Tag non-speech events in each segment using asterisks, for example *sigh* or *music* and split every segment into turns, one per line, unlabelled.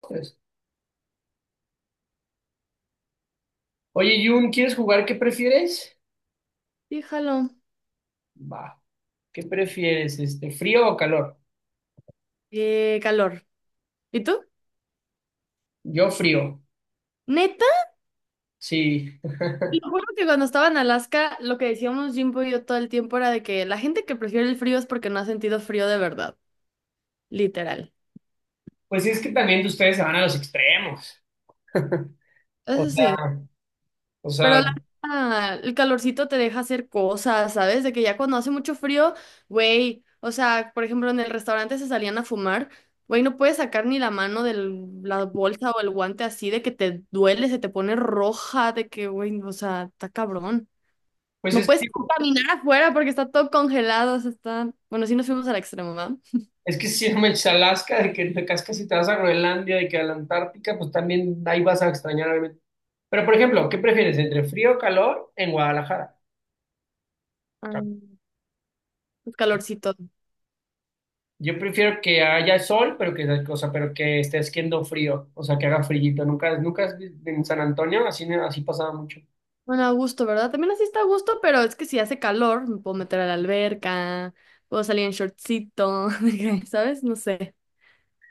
Pues, Oye, Jun, ¿quieres jugar qué prefieres?
Fíjalo.
Va. ¿Qué prefieres, frío o calor?
Calor. ¿Y tú?
Yo frío.
Neta,
Sí.
te lo juro que cuando estaba en Alaska, lo que decíamos Jimbo y yo todo el tiempo era de que la gente que prefiere el frío es porque no ha sentido frío de verdad, literal.
Pues es que también de ustedes se van a los extremos. O
Eso
sea,
sí,
o
pero
sea,
la neta, el calorcito te deja hacer cosas, ¿sabes? De que ya cuando hace mucho frío, güey, o sea, por ejemplo, en el restaurante se salían a fumar, güey, no puedes sacar ni la mano de la bolsa o el guante así, de que te duele, se te pone roja, de que, güey, o sea, está cabrón.
pues
No
es que
puedes
digo,
caminar afuera porque está todo congelado, o sea, está... Bueno, sí nos fuimos al extremo, ¿verdad?
es que si no me echas a Alaska, de que te cascas si te vas a Groenlandia, de que a la Antártica, pues también ahí vas a extrañar, obviamente. Pero, por ejemplo, ¿qué prefieres entre frío o calor en Guadalajara?
Ah, pues calorcito.
Yo prefiero que haya sol, pero que, o sea, pero que esté haciendo frío, o sea, que haga frillito. Nunca, nunca en San Antonio así, así pasaba mucho.
Bueno, a gusto, ¿verdad? También así está a gusto, pero es que si hace calor, me puedo meter a la alberca, puedo salir en shortcito, *laughs* de que, ¿sabes? No sé,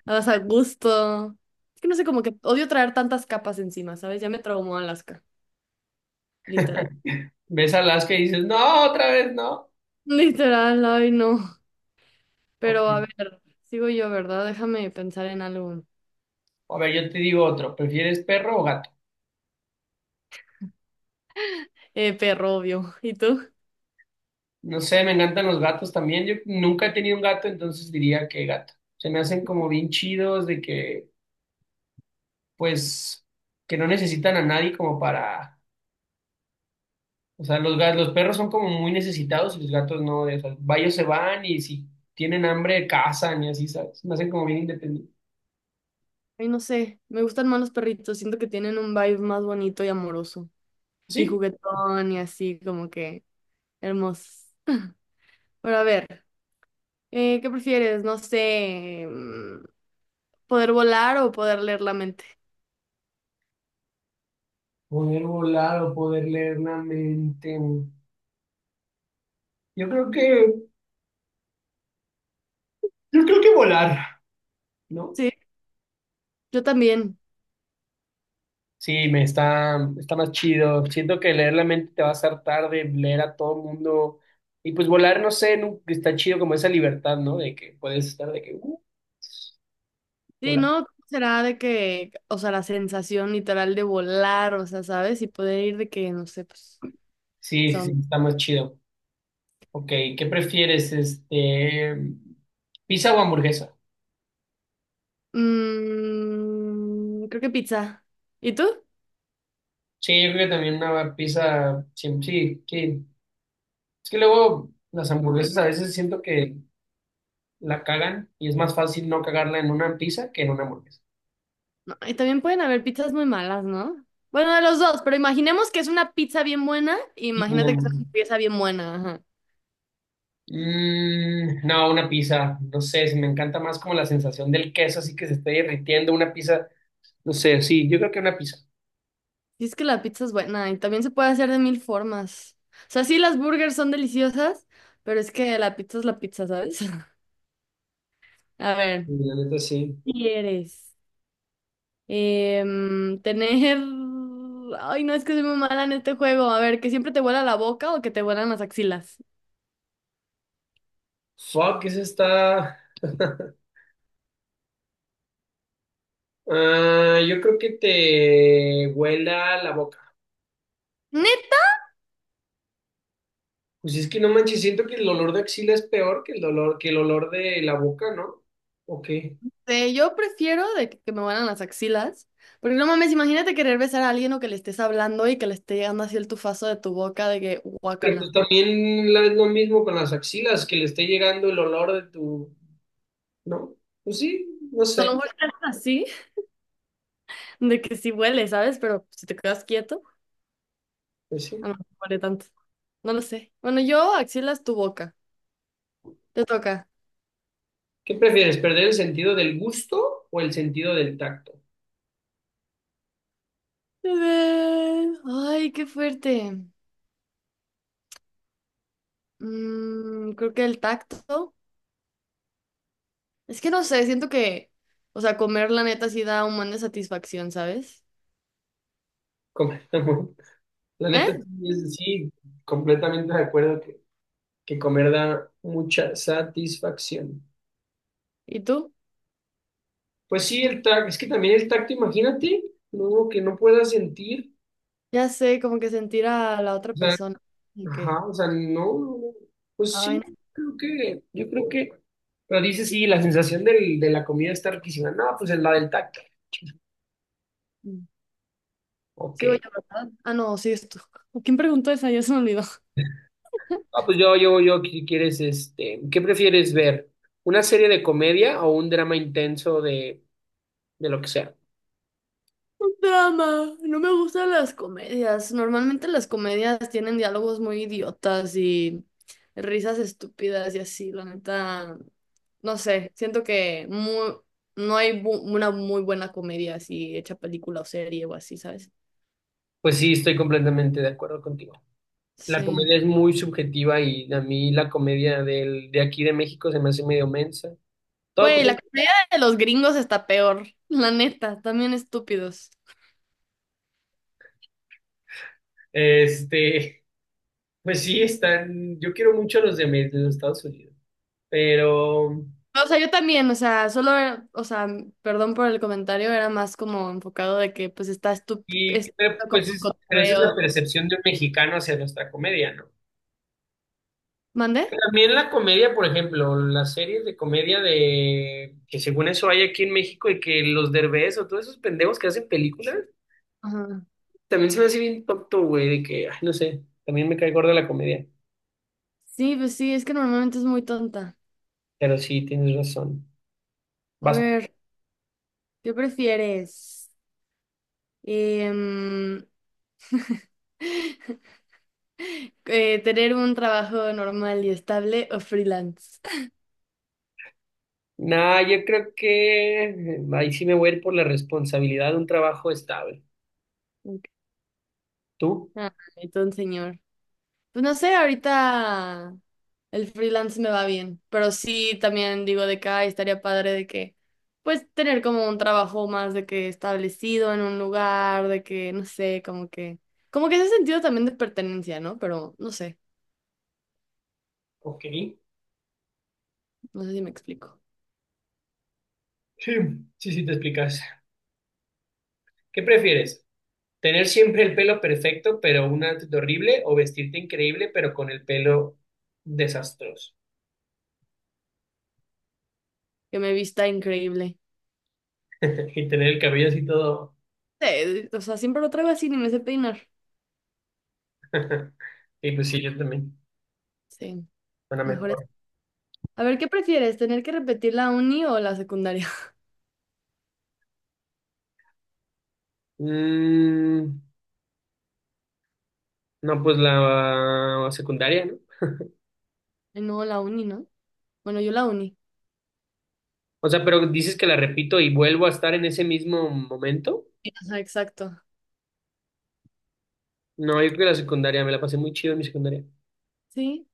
vas a gusto. Es que no sé, como que odio traer tantas capas encima, ¿sabes? Ya me traumó Alaska, literal.
Ves a Alaska y dices, no, otra vez no.
*laughs* Literal, ay no. Pero
Ok.
a ver, sigo yo, ¿verdad? Déjame pensar en algo.
A ver, yo te digo otro, ¿prefieres perro o gato?
Perro, obvio. ¿Y tú?
No sé, me encantan los gatos también. Yo nunca he tenido un gato, entonces diría que gato. Se me hacen como bien chidos de que, pues, que no necesitan a nadie como para. O sea, los perros son como muy necesitados y los gatos no. O sea, ellos se van y si tienen hambre cazan y así, ¿sabes? Me hacen como bien independientes.
Ay, no sé, me gustan más los perritos, siento que tienen un vibe más bonito y amoroso, y
Sí.
juguetón y así, como que hermosos. Pero a ver, ¿qué prefieres? No sé, poder volar o poder leer la mente.
Poder volar o poder leer la mente. Yo creo que, yo creo que volar, ¿no?
Sí, yo también.
Sí, está más chido. Siento que leer la mente te va a hacer tarde, leer a todo el mundo. Y pues volar, no sé, está chido como esa libertad, ¿no? De que puedes estar de que,
Sí,
volar.
¿no? ¿Cómo será de que, o sea, la sensación literal de volar, o sea, ¿sabes? Y poder ir de que, no sé, pues,
Sí, sí, sí,
son.
está más chido. Ok, ¿qué prefieres? ¿Pizza o hamburguesa?
Creo que pizza. ¿Y tú?
Sí, yo creo que también una pizza, sí, sí, sí. Es que luego las hamburguesas a veces siento que la cagan y es más fácil no cagarla en una pizza que en una hamburguesa.
No, y también pueden haber pizzas muy malas, ¿no? Bueno, de los dos, pero imaginemos que es una pizza bien buena, e imagínate que es
Mm,
una pieza bien buena, ajá.
no, una pizza, no sé, se me encanta más como la sensación del queso así que se está derritiendo una pizza, no sé, sí, yo creo que una pizza.
Si es que la pizza es buena y también se puede hacer de mil formas. O sea, sí, las burgers son deliciosas, pero es que la pizza es la pizza, ¿sabes? *laughs* A
Sí,
ver,
la neta sí.
¿qué ¿quieres? Tener... Ay, no, es que soy muy mala en este juego. A ver, ¿que siempre te vuela la boca o que te vuelan las axilas?
Fuck, esa está. *laughs* Ah, yo creo que te huela la boca.
*laughs*
Pues es que no manches, siento que el olor de axila es peor que el olor de la boca, ¿no? ¿O qué?
Sí, yo prefiero de que me vuelan las axilas, porque no mames, imagínate querer besar a alguien o que le estés hablando y que le esté llegando así el tufazo de tu boca de que
Pero pues
guácala.
también es lo mismo con las axilas, que le esté llegando el olor de tu, ¿no? Pues sí, no
A lo
sé,
mejor te haces así, de que sí huele, ¿sabes? Pero si te quedas quieto,
pues
a
sí.
lo mejor no huele tanto. No lo sé. Bueno, yo axilas tu boca. Te toca.
¿Qué prefieres, perder el sentido del gusto o el sentido del tacto?
Ay, qué fuerte. Creo que el tacto. Es que no sé, siento que, o sea, comer la neta sí da un buen de satisfacción, ¿sabes?
Comer, *laughs* la neta
¿Eh?
sí, sí, completamente de acuerdo que comer da mucha satisfacción.
¿Y tú?
Pues sí, el tacto, es que también el tacto, imagínate, no, que no puedas sentir,
Ya sé, como que sentir a la otra
o sea,
persona. Ok.
ajá, o sea, no, no, no. Pues
Ay,
sí,
no.
yo creo que, pero dice sí, la sensación de la comida está riquísima, no, pues es la del tacto.
mm,
Ok.
sigo yo, ¿verdad? Ah, no, sigues tú. *laughs* ¿Quién preguntó esa? Ya se me olvidó.
Ah, pues ¿Qué prefieres ver? ¿Una serie de comedia o un drama intenso de lo que sea?
*laughs* Drama. No me gustan las comedias. Normalmente las comedias tienen diálogos muy idiotas y risas estúpidas y así. La neta, no sé. Siento que no hay una muy buena comedia así, hecha película o serie o así, ¿sabes?
Pues sí, estoy completamente de acuerdo contigo. La
Sí.
comedia es muy subjetiva y a mí la comedia de aquí de México se me hace medio mensa. Todo,
Güey, la comedia de los gringos está peor. La neta, también estúpidos.
este, pues sí, están, yo quiero mucho a los de los Estados Unidos, pero,
O sea, yo también, o sea, solo, o sea, perdón por el comentario, era más como enfocado de que pues está
y,
es
pero,
como
pues
un
es, pero esa es la
cotorreo.
percepción de un mexicano hacia nuestra comedia, ¿no?
¿Mande?
También la comedia, por ejemplo, las series de comedia de que según eso hay aquí en México y que los Derbez o todos esos pendejos que hacen películas,
Ajá.
también se me hace bien tonto, güey, de que, ay, no sé, también me cae gorda la comedia.
Sí, pues sí, es que normalmente es muy tonta.
Pero sí, tienes razón.
A
Vas.
ver, ¿qué prefieres? Em, ¿Tener un trabajo normal y estable o freelance?
Nah, yo creo que ahí sí me voy a ir por la responsabilidad de un trabajo estable.
*laughs* Ok.
¿Tú?
Ay, ton señor. Pues no sé, ahorita el freelance me va bien, pero sí también digo de que ay, estaría padre de que, pues tener como un trabajo más de que establecido en un lugar, de que, no sé, como que ese sentido también de pertenencia, ¿no? Pero no sé,
Ok. Sí,
no sé si me explico.
sí, sí, te explicas. ¿Qué prefieres? ¿Tener siempre el pelo perfecto, pero un outfit horrible? ¿O vestirte increíble, pero con el pelo desastroso?
Que me vista increíble.
*laughs* Y tener el cabello así todo.
Sí, o sea, siempre lo traigo así, ni me sé peinar.
*laughs* Y pues sí, yo también.
Sí,
Suena
mejor es.
mejor.
A ver, ¿qué prefieres? ¿Tener que repetir la uni o la secundaria?
Mm, No, pues la secundaria, ¿no?
*laughs* Ay, no, la uni, ¿no? Bueno, yo la uni.
O sea, pero dices que la repito y vuelvo a estar en ese mismo momento.
Ajá, exacto.
No, yo creo que la secundaria, me la pasé muy chido en mi secundaria.
Sí,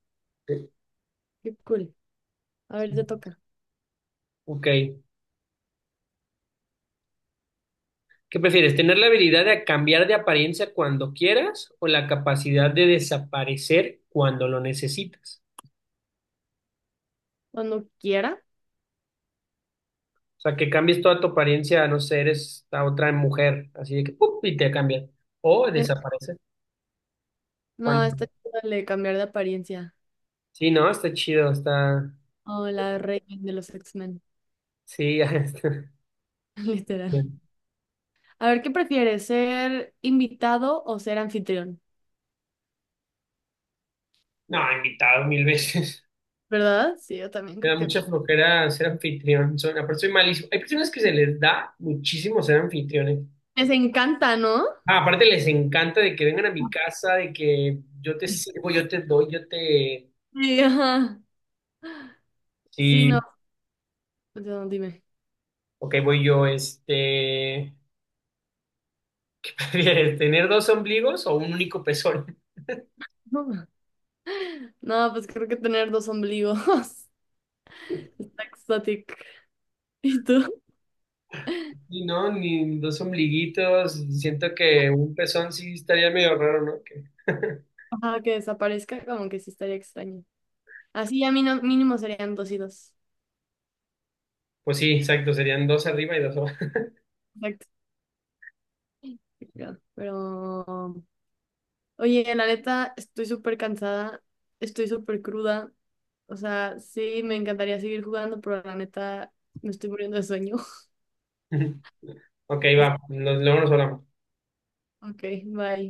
Sí.
qué cool. A ver, te toca.
Ok. ¿Qué prefieres? ¿Tener la habilidad de cambiar de apariencia cuando quieras o la capacidad de desaparecer cuando lo necesitas?
Cuando quiera.
O sea, que cambies toda tu apariencia, no sé, eres la otra mujer, así de que ¡pum! Y te cambia. O
Eh,
desaparece
No, esta
cuando.
es la de cambiar de apariencia.
Sí, no, está chido, está.
O la reina de los X-Men,
Sí, *laughs* ya
*laughs* literal.
está.
A ver, ¿qué prefieres? ¿Ser invitado o ser anfitrión?
No, invitado mil veces.
¿Verdad? Sí, yo también
*laughs* Me
creo
da
que...
mucha flojera ser anfitrión. Aparte soy malísimo. Hay personas que se les da muchísimo ser anfitriones.
Les encanta, ¿no?
Ah, aparte les encanta de que vengan a mi casa, de que yo te
Sí.
sirvo, yo te doy, yo te...
Sí, ajá. Sí, no.
Sí,
Pues, no, dime.
ok, voy yo. *laughs* ¿Qué prefieres? ¿Tener dos ombligos o un único pezón? *laughs*
No, no, pues creo que tener dos ombligos. *laughs* Está exótico. ¿Y tú?
Y no, ni dos ombliguitos. Siento que un pezón sí estaría medio raro, ¿no? *laughs*
Ajá, que desaparezca, como que sí estaría extraño. Así ya mínimo, mínimo serían dos y dos.
Pues sí, exacto. Serían dos arriba y dos abajo.
Pero, oye, la neta, estoy súper cansada, estoy súper cruda. O sea, sí, me encantaría seguir jugando, pero la neta, me estoy muriendo de sueño.
*laughs* Ok, va,
*laughs*
luego nos hablamos.
Ok, bye.